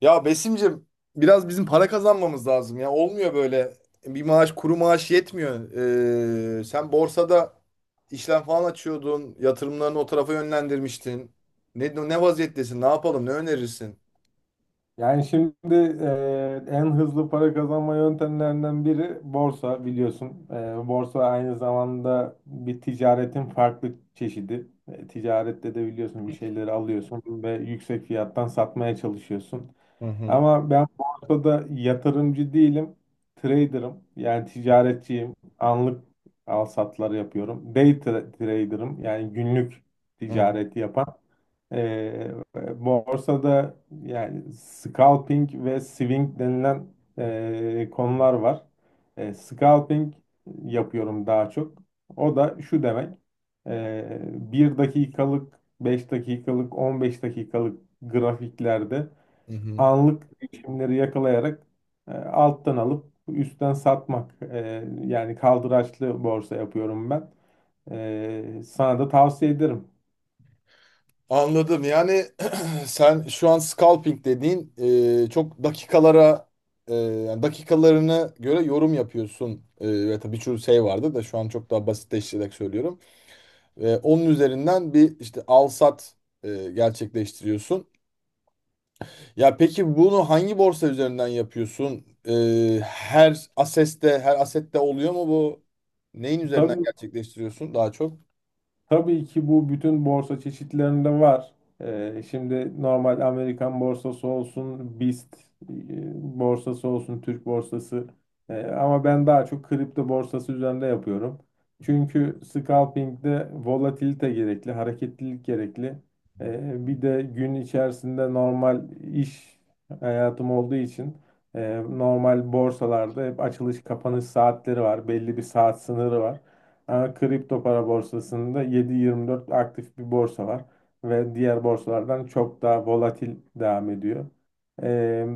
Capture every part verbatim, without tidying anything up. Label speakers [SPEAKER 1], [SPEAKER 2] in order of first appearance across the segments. [SPEAKER 1] Ya Besim'cim biraz bizim para kazanmamız lazım ya. Olmuyor böyle. Bir maaş kuru maaş yetmiyor. Ee, sen borsada işlem falan açıyordun. Yatırımlarını o tarafa yönlendirmiştin. Ne, ne vaziyettesin? Ne yapalım? Ne önerirsin?
[SPEAKER 2] Yani şimdi e, en hızlı para kazanma yöntemlerinden biri borsa biliyorsun. E, borsa aynı zamanda bir ticaretin farklı çeşidi. E, ticarette de biliyorsun bir şeyleri alıyorsun ve yüksek fiyattan satmaya çalışıyorsun.
[SPEAKER 1] Hı hı.
[SPEAKER 2] Ama ben borsada yatırımcı değilim. Trader'ım. Yani ticaretçiyim. Anlık al satlar yapıyorum. Day tra- trader'ım. Yani günlük
[SPEAKER 1] Hı
[SPEAKER 2] ticareti yapan. Ee, Borsada yani scalping ve swing denilen e, konular var. E, scalping yapıyorum daha çok. O da şu demek. E, bir dakikalık, beş dakikalık, on beş dakikalık grafiklerde
[SPEAKER 1] hı. hı.
[SPEAKER 2] anlık değişimleri yakalayarak e, alttan alıp üstten satmak. E, yani kaldıraçlı borsa yapıyorum ben. E, sana da tavsiye ederim.
[SPEAKER 1] Anladım. Yani sen şu an scalping dediğin e, çok dakikalara e, yani dakikalarına göre yorum yapıyorsun. E, ve tabii birçok şey vardı da şu an çok daha basitleştirerek söylüyorum. Ve onun üzerinden bir işte al sat e, gerçekleştiriyorsun. Ya peki bunu hangi borsa üzerinden yapıyorsun? E, her aseste, her asette oluyor mu bu? Neyin üzerinden
[SPEAKER 2] Tabii
[SPEAKER 1] gerçekleştiriyorsun daha çok?
[SPEAKER 2] Tabii ki bu bütün borsa çeşitlerinde var. Ee, şimdi normal Amerikan borsası olsun, BIST e, borsası olsun, Türk borsası. Ee, ama ben daha çok kripto borsası üzerinde yapıyorum. Çünkü scalping'de volatilite gerekli, hareketlilik gerekli. Ee, bir de gün içerisinde normal iş hayatım olduğu için e, normal borsalarda hep açılış kapanış saatleri var, belli bir saat sınırı var. Ama kripto para borsasında yedi yirmi dört aktif bir borsa var ve diğer borsalardan çok daha volatil devam ediyor. Ee,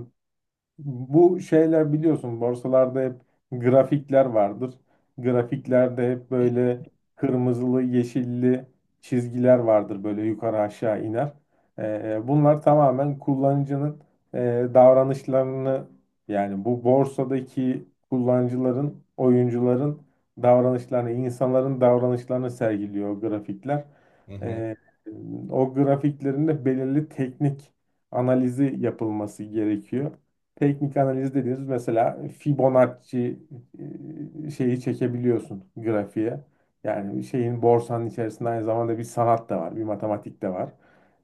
[SPEAKER 2] Bu şeyler biliyorsun borsalarda hep grafikler vardır. Grafiklerde hep böyle kırmızılı, yeşilli çizgiler vardır böyle yukarı aşağı iner. Ee, bunlar tamamen kullanıcının e, davranışlarını yani bu borsadaki kullanıcıların, oyuncuların davranışlarını, insanların davranışlarını sergiliyor o grafikler.
[SPEAKER 1] Hı hı.
[SPEAKER 2] Ee, O grafiklerinde belirli teknik analizi yapılması gerekiyor. Teknik analiz dediğiniz mesela Fibonacci e, şeyi çekebiliyorsun grafiğe. Yani şeyin borsanın içerisinde aynı zamanda bir sanat da var, bir matematik de var.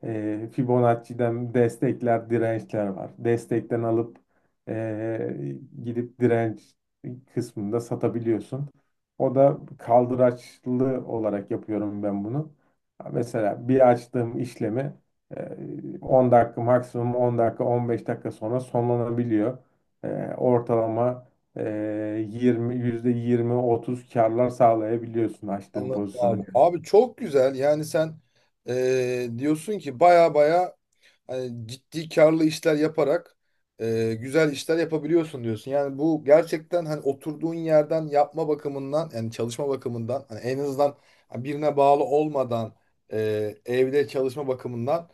[SPEAKER 2] E, Fibonacci'den destekler, dirençler var. Destekten alıp e, gidip direnç kısmında satabiliyorsun. O da kaldıraçlı olarak yapıyorum ben bunu. Mesela bir açtığım işlemi ee, on dakika maksimum on dakika on beş dakika sonra sonlanabiliyor. Ee, Ortalama e, yirmi yüzde yirmi otuz karlar sağlayabiliyorsun açtığın
[SPEAKER 1] Anladım
[SPEAKER 2] pozisyona
[SPEAKER 1] abi.
[SPEAKER 2] göre.
[SPEAKER 1] Abi çok güzel. Yani sen eee, diyorsun ki baya baya hani ciddi karlı işler yaparak e, güzel işler yapabiliyorsun diyorsun. Yani bu gerçekten hani oturduğun yerden yapma bakımından yani çalışma bakımından hani en azından birine bağlı olmadan e, evde çalışma bakımından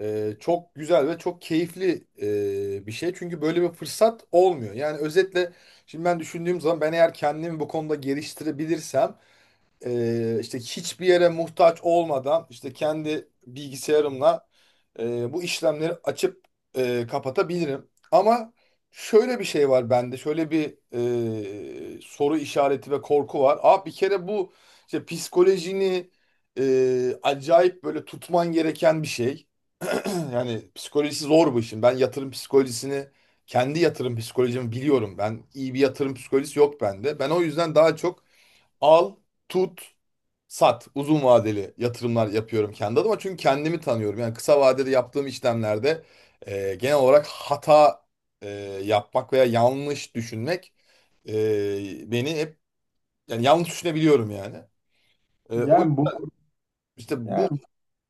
[SPEAKER 1] e, çok güzel ve çok keyifli e, bir şey. Çünkü böyle bir fırsat olmuyor. Yani özetle şimdi ben düşündüğüm zaman ben eğer kendimi bu konuda geliştirebilirsem e, işte hiçbir yere muhtaç olmadan işte kendi bilgisayarımla e, bu işlemleri açıp e, kapatabilirim. Ama şöyle bir şey var bende, şöyle bir e, soru işareti ve korku var. Abi bir kere bu işte psikolojini e, acayip böyle tutman gereken bir şey. Yani psikolojisi zor bu işin. Ben yatırım psikolojisini kendi yatırım psikolojimi biliyorum. Ben iyi bir yatırım psikolojisi yok bende. Ben o yüzden daha çok al, tut, sat. Uzun vadeli yatırımlar yapıyorum kendi adıma. Çünkü kendimi tanıyorum. Yani kısa vadede yaptığım işlemlerde e, genel olarak hata e, yapmak veya yanlış düşünmek e, beni hep yani yanlış düşünebiliyorum yani. E, o
[SPEAKER 2] Yani bu
[SPEAKER 1] işte bu
[SPEAKER 2] yani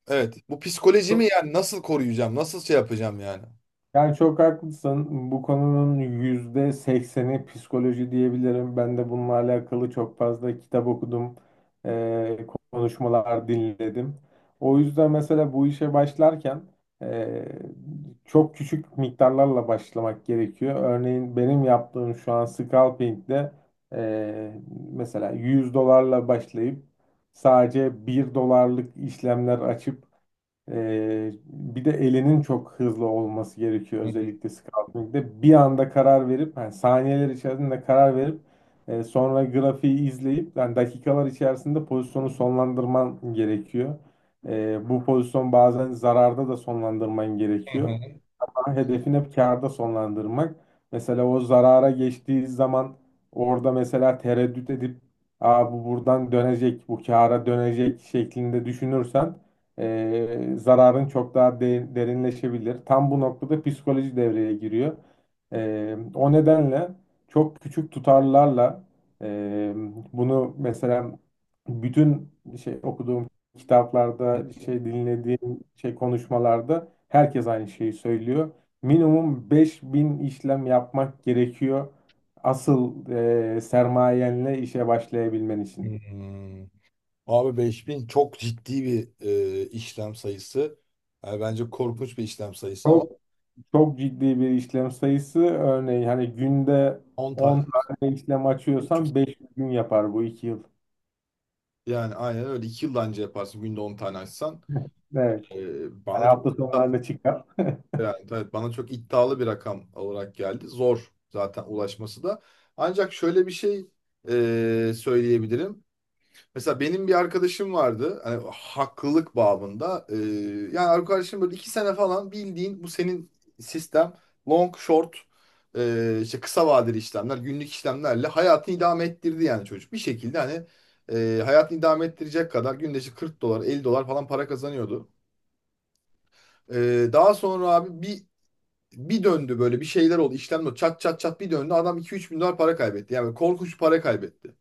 [SPEAKER 1] evet bu psikolojimi yani nasıl koruyacağım? Nasıl şey yapacağım yani?
[SPEAKER 2] Yani çok haklısın. Bu konunun yüzde sekseni psikoloji diyebilirim. Ben de bununla alakalı çok fazla kitap okudum, eee, konuşmalar dinledim. O yüzden mesela bu işe başlarken eee, çok küçük miktarlarla başlamak gerekiyor. Örneğin benim yaptığım şu an scalping'de eee, mesela yüz dolarla başlayıp sadece bir dolarlık işlemler açıp ee, bir de elinin çok hızlı olması gerekiyor
[SPEAKER 1] Hı
[SPEAKER 2] özellikle scouting'de. Bir anda karar verip yani saniyeler içerisinde karar verip e, sonra grafiği izleyip yani dakikalar içerisinde pozisyonu sonlandırman gerekiyor. Ee, bu pozisyon bazen zararda da sonlandırman gerekiyor,
[SPEAKER 1] hı.
[SPEAKER 2] hedefin hep kârda sonlandırmak. Mesela o zarara geçtiği zaman orada mesela tereddüt edip "Aa, bu buradan dönecek, bu kâra dönecek" şeklinde düşünürsen eee, zararın çok daha de- derinleşebilir. Tam bu noktada psikoloji devreye giriyor. Eee, o nedenle çok küçük tutarlarla eee, bunu mesela bütün şey okuduğum kitaplarda, şey dinlediğim şey konuşmalarda herkes aynı şeyi söylüyor. Minimum beş bin işlem yapmak gerekiyor. Asıl e, sermayenle işe başlayabilmen için.
[SPEAKER 1] Hmm. Abi beş bin çok ciddi bir e, işlem sayısı. Yani bence korkunç bir işlem sayısı ama
[SPEAKER 2] Çok çok ciddi bir işlem sayısı. Örneğin hani günde
[SPEAKER 1] on tane.
[SPEAKER 2] on tane işlem açıyorsan beş gün yapar bu iki yıl.
[SPEAKER 1] Yani aynen öyle. İki yıl da anca yaparsın günde on tane açsan.
[SPEAKER 2] Evet.
[SPEAKER 1] Ee,
[SPEAKER 2] Hani
[SPEAKER 1] bana çok
[SPEAKER 2] hafta sonlarında çıkar.
[SPEAKER 1] yani, tabii bana çok iddialı bir rakam olarak geldi. Zor zaten ulaşması da. Ancak şöyle bir şey e, söyleyebilirim. Mesela benim bir arkadaşım vardı. Hani haklılık babında. Ee, yani arkadaşım böyle iki sene falan bildiğin bu senin sistem long short e, işte kısa vadeli işlemler günlük işlemlerle hayatını idame ettirdi yani çocuk. Bir şekilde hani e, hayatını idame ettirecek kadar günde işte kırk dolar elli dolar falan para kazanıyordu. Ee, daha sonra abi bir bir döndü böyle bir şeyler oldu işlemler oldu. Çat çat çat bir döndü adam iki üç bin dolar para kaybetti. Yani korkunç bir para kaybetti.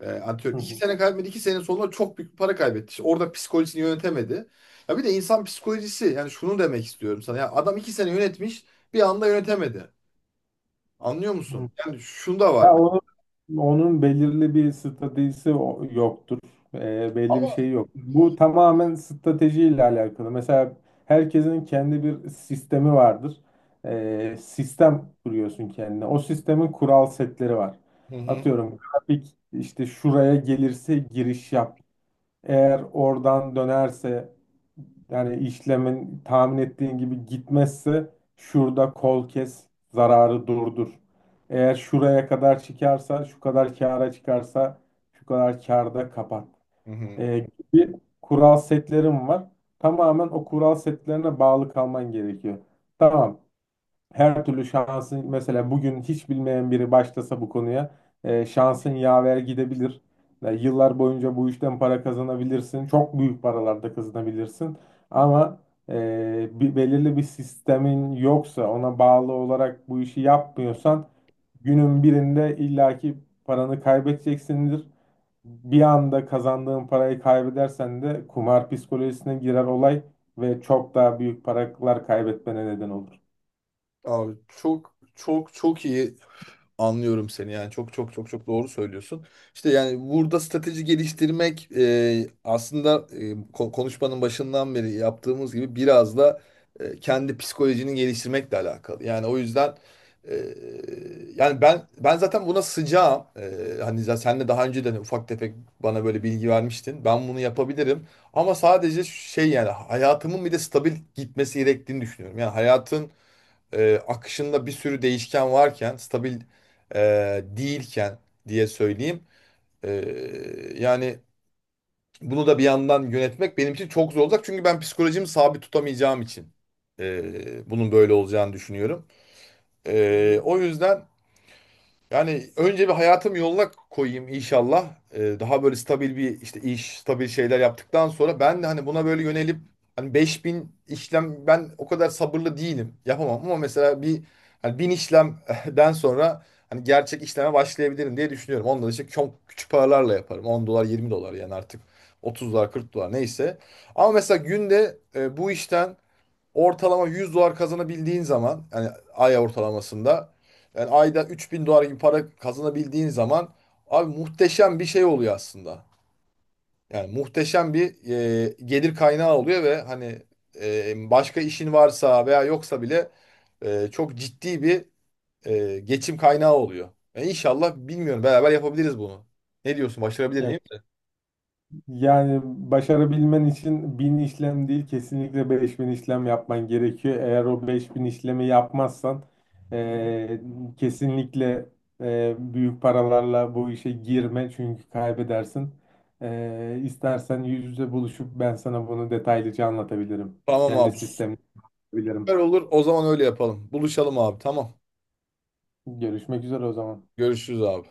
[SPEAKER 1] E,
[SPEAKER 2] Hı
[SPEAKER 1] antrenör. İki
[SPEAKER 2] hı.
[SPEAKER 1] sene kaybetmedi. İki sene sonunda çok büyük bir para kaybetti. İşte orada psikolojisini yönetemedi. Ya bir de insan psikolojisi yani şunu demek istiyorum sana. Ya adam iki sene yönetmiş bir anda yönetemedi. Anlıyor
[SPEAKER 2] Hı.
[SPEAKER 1] musun? Yani şunu da var
[SPEAKER 2] Ya
[SPEAKER 1] mı?
[SPEAKER 2] onun, onun belirli bir stratejisi o- yoktur. Ee, belli bir
[SPEAKER 1] Ama
[SPEAKER 2] şey yok. Bu tamamen stratejiyle alakalı. Mesela herkesin kendi bir sistemi vardır. Ee, sistem kuruyorsun kendine. O sistemin kural setleri var.
[SPEAKER 1] Hı hı.
[SPEAKER 2] Atıyorum grafik işte şuraya gelirse giriş yap, eğer oradan dönerse, yani işlemin tahmin ettiğin gibi gitmezse şurada kol kes, zararı durdur. Eğer şuraya kadar çıkarsa, şu kadar kâra çıkarsa, şu kadar kârda kapat.
[SPEAKER 1] Hı hı.
[SPEAKER 2] Ee, Gibi kural setlerim var. Tamamen o kural setlerine bağlı kalman gerekiyor. Tamam, her türlü şansın mesela bugün hiç bilmeyen biri başlasa bu konuya e, şansın yaver gidebilir. Yani yıllar boyunca bu işten para kazanabilirsin. Çok büyük paralarda kazanabilirsin. Ama e, bir, belirli bir sistemin yoksa, ona bağlı olarak bu işi yapmıyorsan günün birinde illaki paranı kaybedeceksindir. Bir anda kazandığın parayı kaybedersen de kumar psikolojisine girer olay ve çok daha büyük paralar kaybetmene neden olur.
[SPEAKER 1] Abi çok çok çok iyi anlıyorum seni yani çok çok çok çok doğru söylüyorsun. İşte yani burada strateji geliştirmek e, aslında e, ko- konuşmanın başından beri yaptığımız gibi biraz da e, kendi psikolojini geliştirmekle alakalı. Yani o yüzden e, yani ben ben zaten buna sıcağım. E, hani zaten senle daha önce de hani ufak tefek bana böyle bilgi vermiştin. Ben bunu yapabilirim ama sadece şey yani hayatımın bir de stabil gitmesi gerektiğini düşünüyorum. Yani hayatın e, akışında bir sürü değişken varken, stabil e, değilken diye söyleyeyim. E, Yani bunu da bir yandan yönetmek benim için çok zor olacak. Çünkü ben psikolojimi sabit tutamayacağım için e, bunun böyle olacağını düşünüyorum. E, o yüzden... Yani önce bir hayatım yoluna koyayım inşallah. Ee, daha böyle stabil bir işte iş, stabil şeyler yaptıktan sonra ben de hani buna böyle yönelip hani beş bin işlem ben o kadar sabırlı değilim. Yapamam ama mesela bir hani bin işlemden sonra hani gerçek işleme başlayabilirim diye düşünüyorum. Ondan işte çok küçük paralarla yaparım. on dolar, yirmi dolar yani artık otuz dolar, kırk dolar neyse. Ama mesela günde e, bu işten ortalama yüz dolar kazanabildiğin zaman yani ay ortalamasında yani ayda üç bin dolar gibi para kazanabildiğin zaman abi muhteşem bir şey oluyor aslında. Yani muhteşem bir e, gelir kaynağı oluyor ve hani e, başka işin varsa veya yoksa bile e, çok ciddi bir e, geçim kaynağı oluyor. Yani inşallah bilmiyorum beraber yapabiliriz bunu. Ne diyorsun başarabilir
[SPEAKER 2] Ya
[SPEAKER 1] miyim?
[SPEAKER 2] Yani başarabilmen için bin işlem değil, kesinlikle beş bin işlem yapman gerekiyor. Eğer o beş bin işlemi yapmazsan eee, kesinlikle eee, büyük paralarla bu işe girme, çünkü kaybedersin. Eee istersen yüz yüze buluşup ben sana bunu detaylıca anlatabilirim.
[SPEAKER 1] Tamam
[SPEAKER 2] Kendi
[SPEAKER 1] abi. Süper
[SPEAKER 2] sistemimi anlatabilirim.
[SPEAKER 1] olur o zaman öyle yapalım. Buluşalım abi tamam.
[SPEAKER 2] Görüşmek üzere o zaman.
[SPEAKER 1] Görüşürüz abi.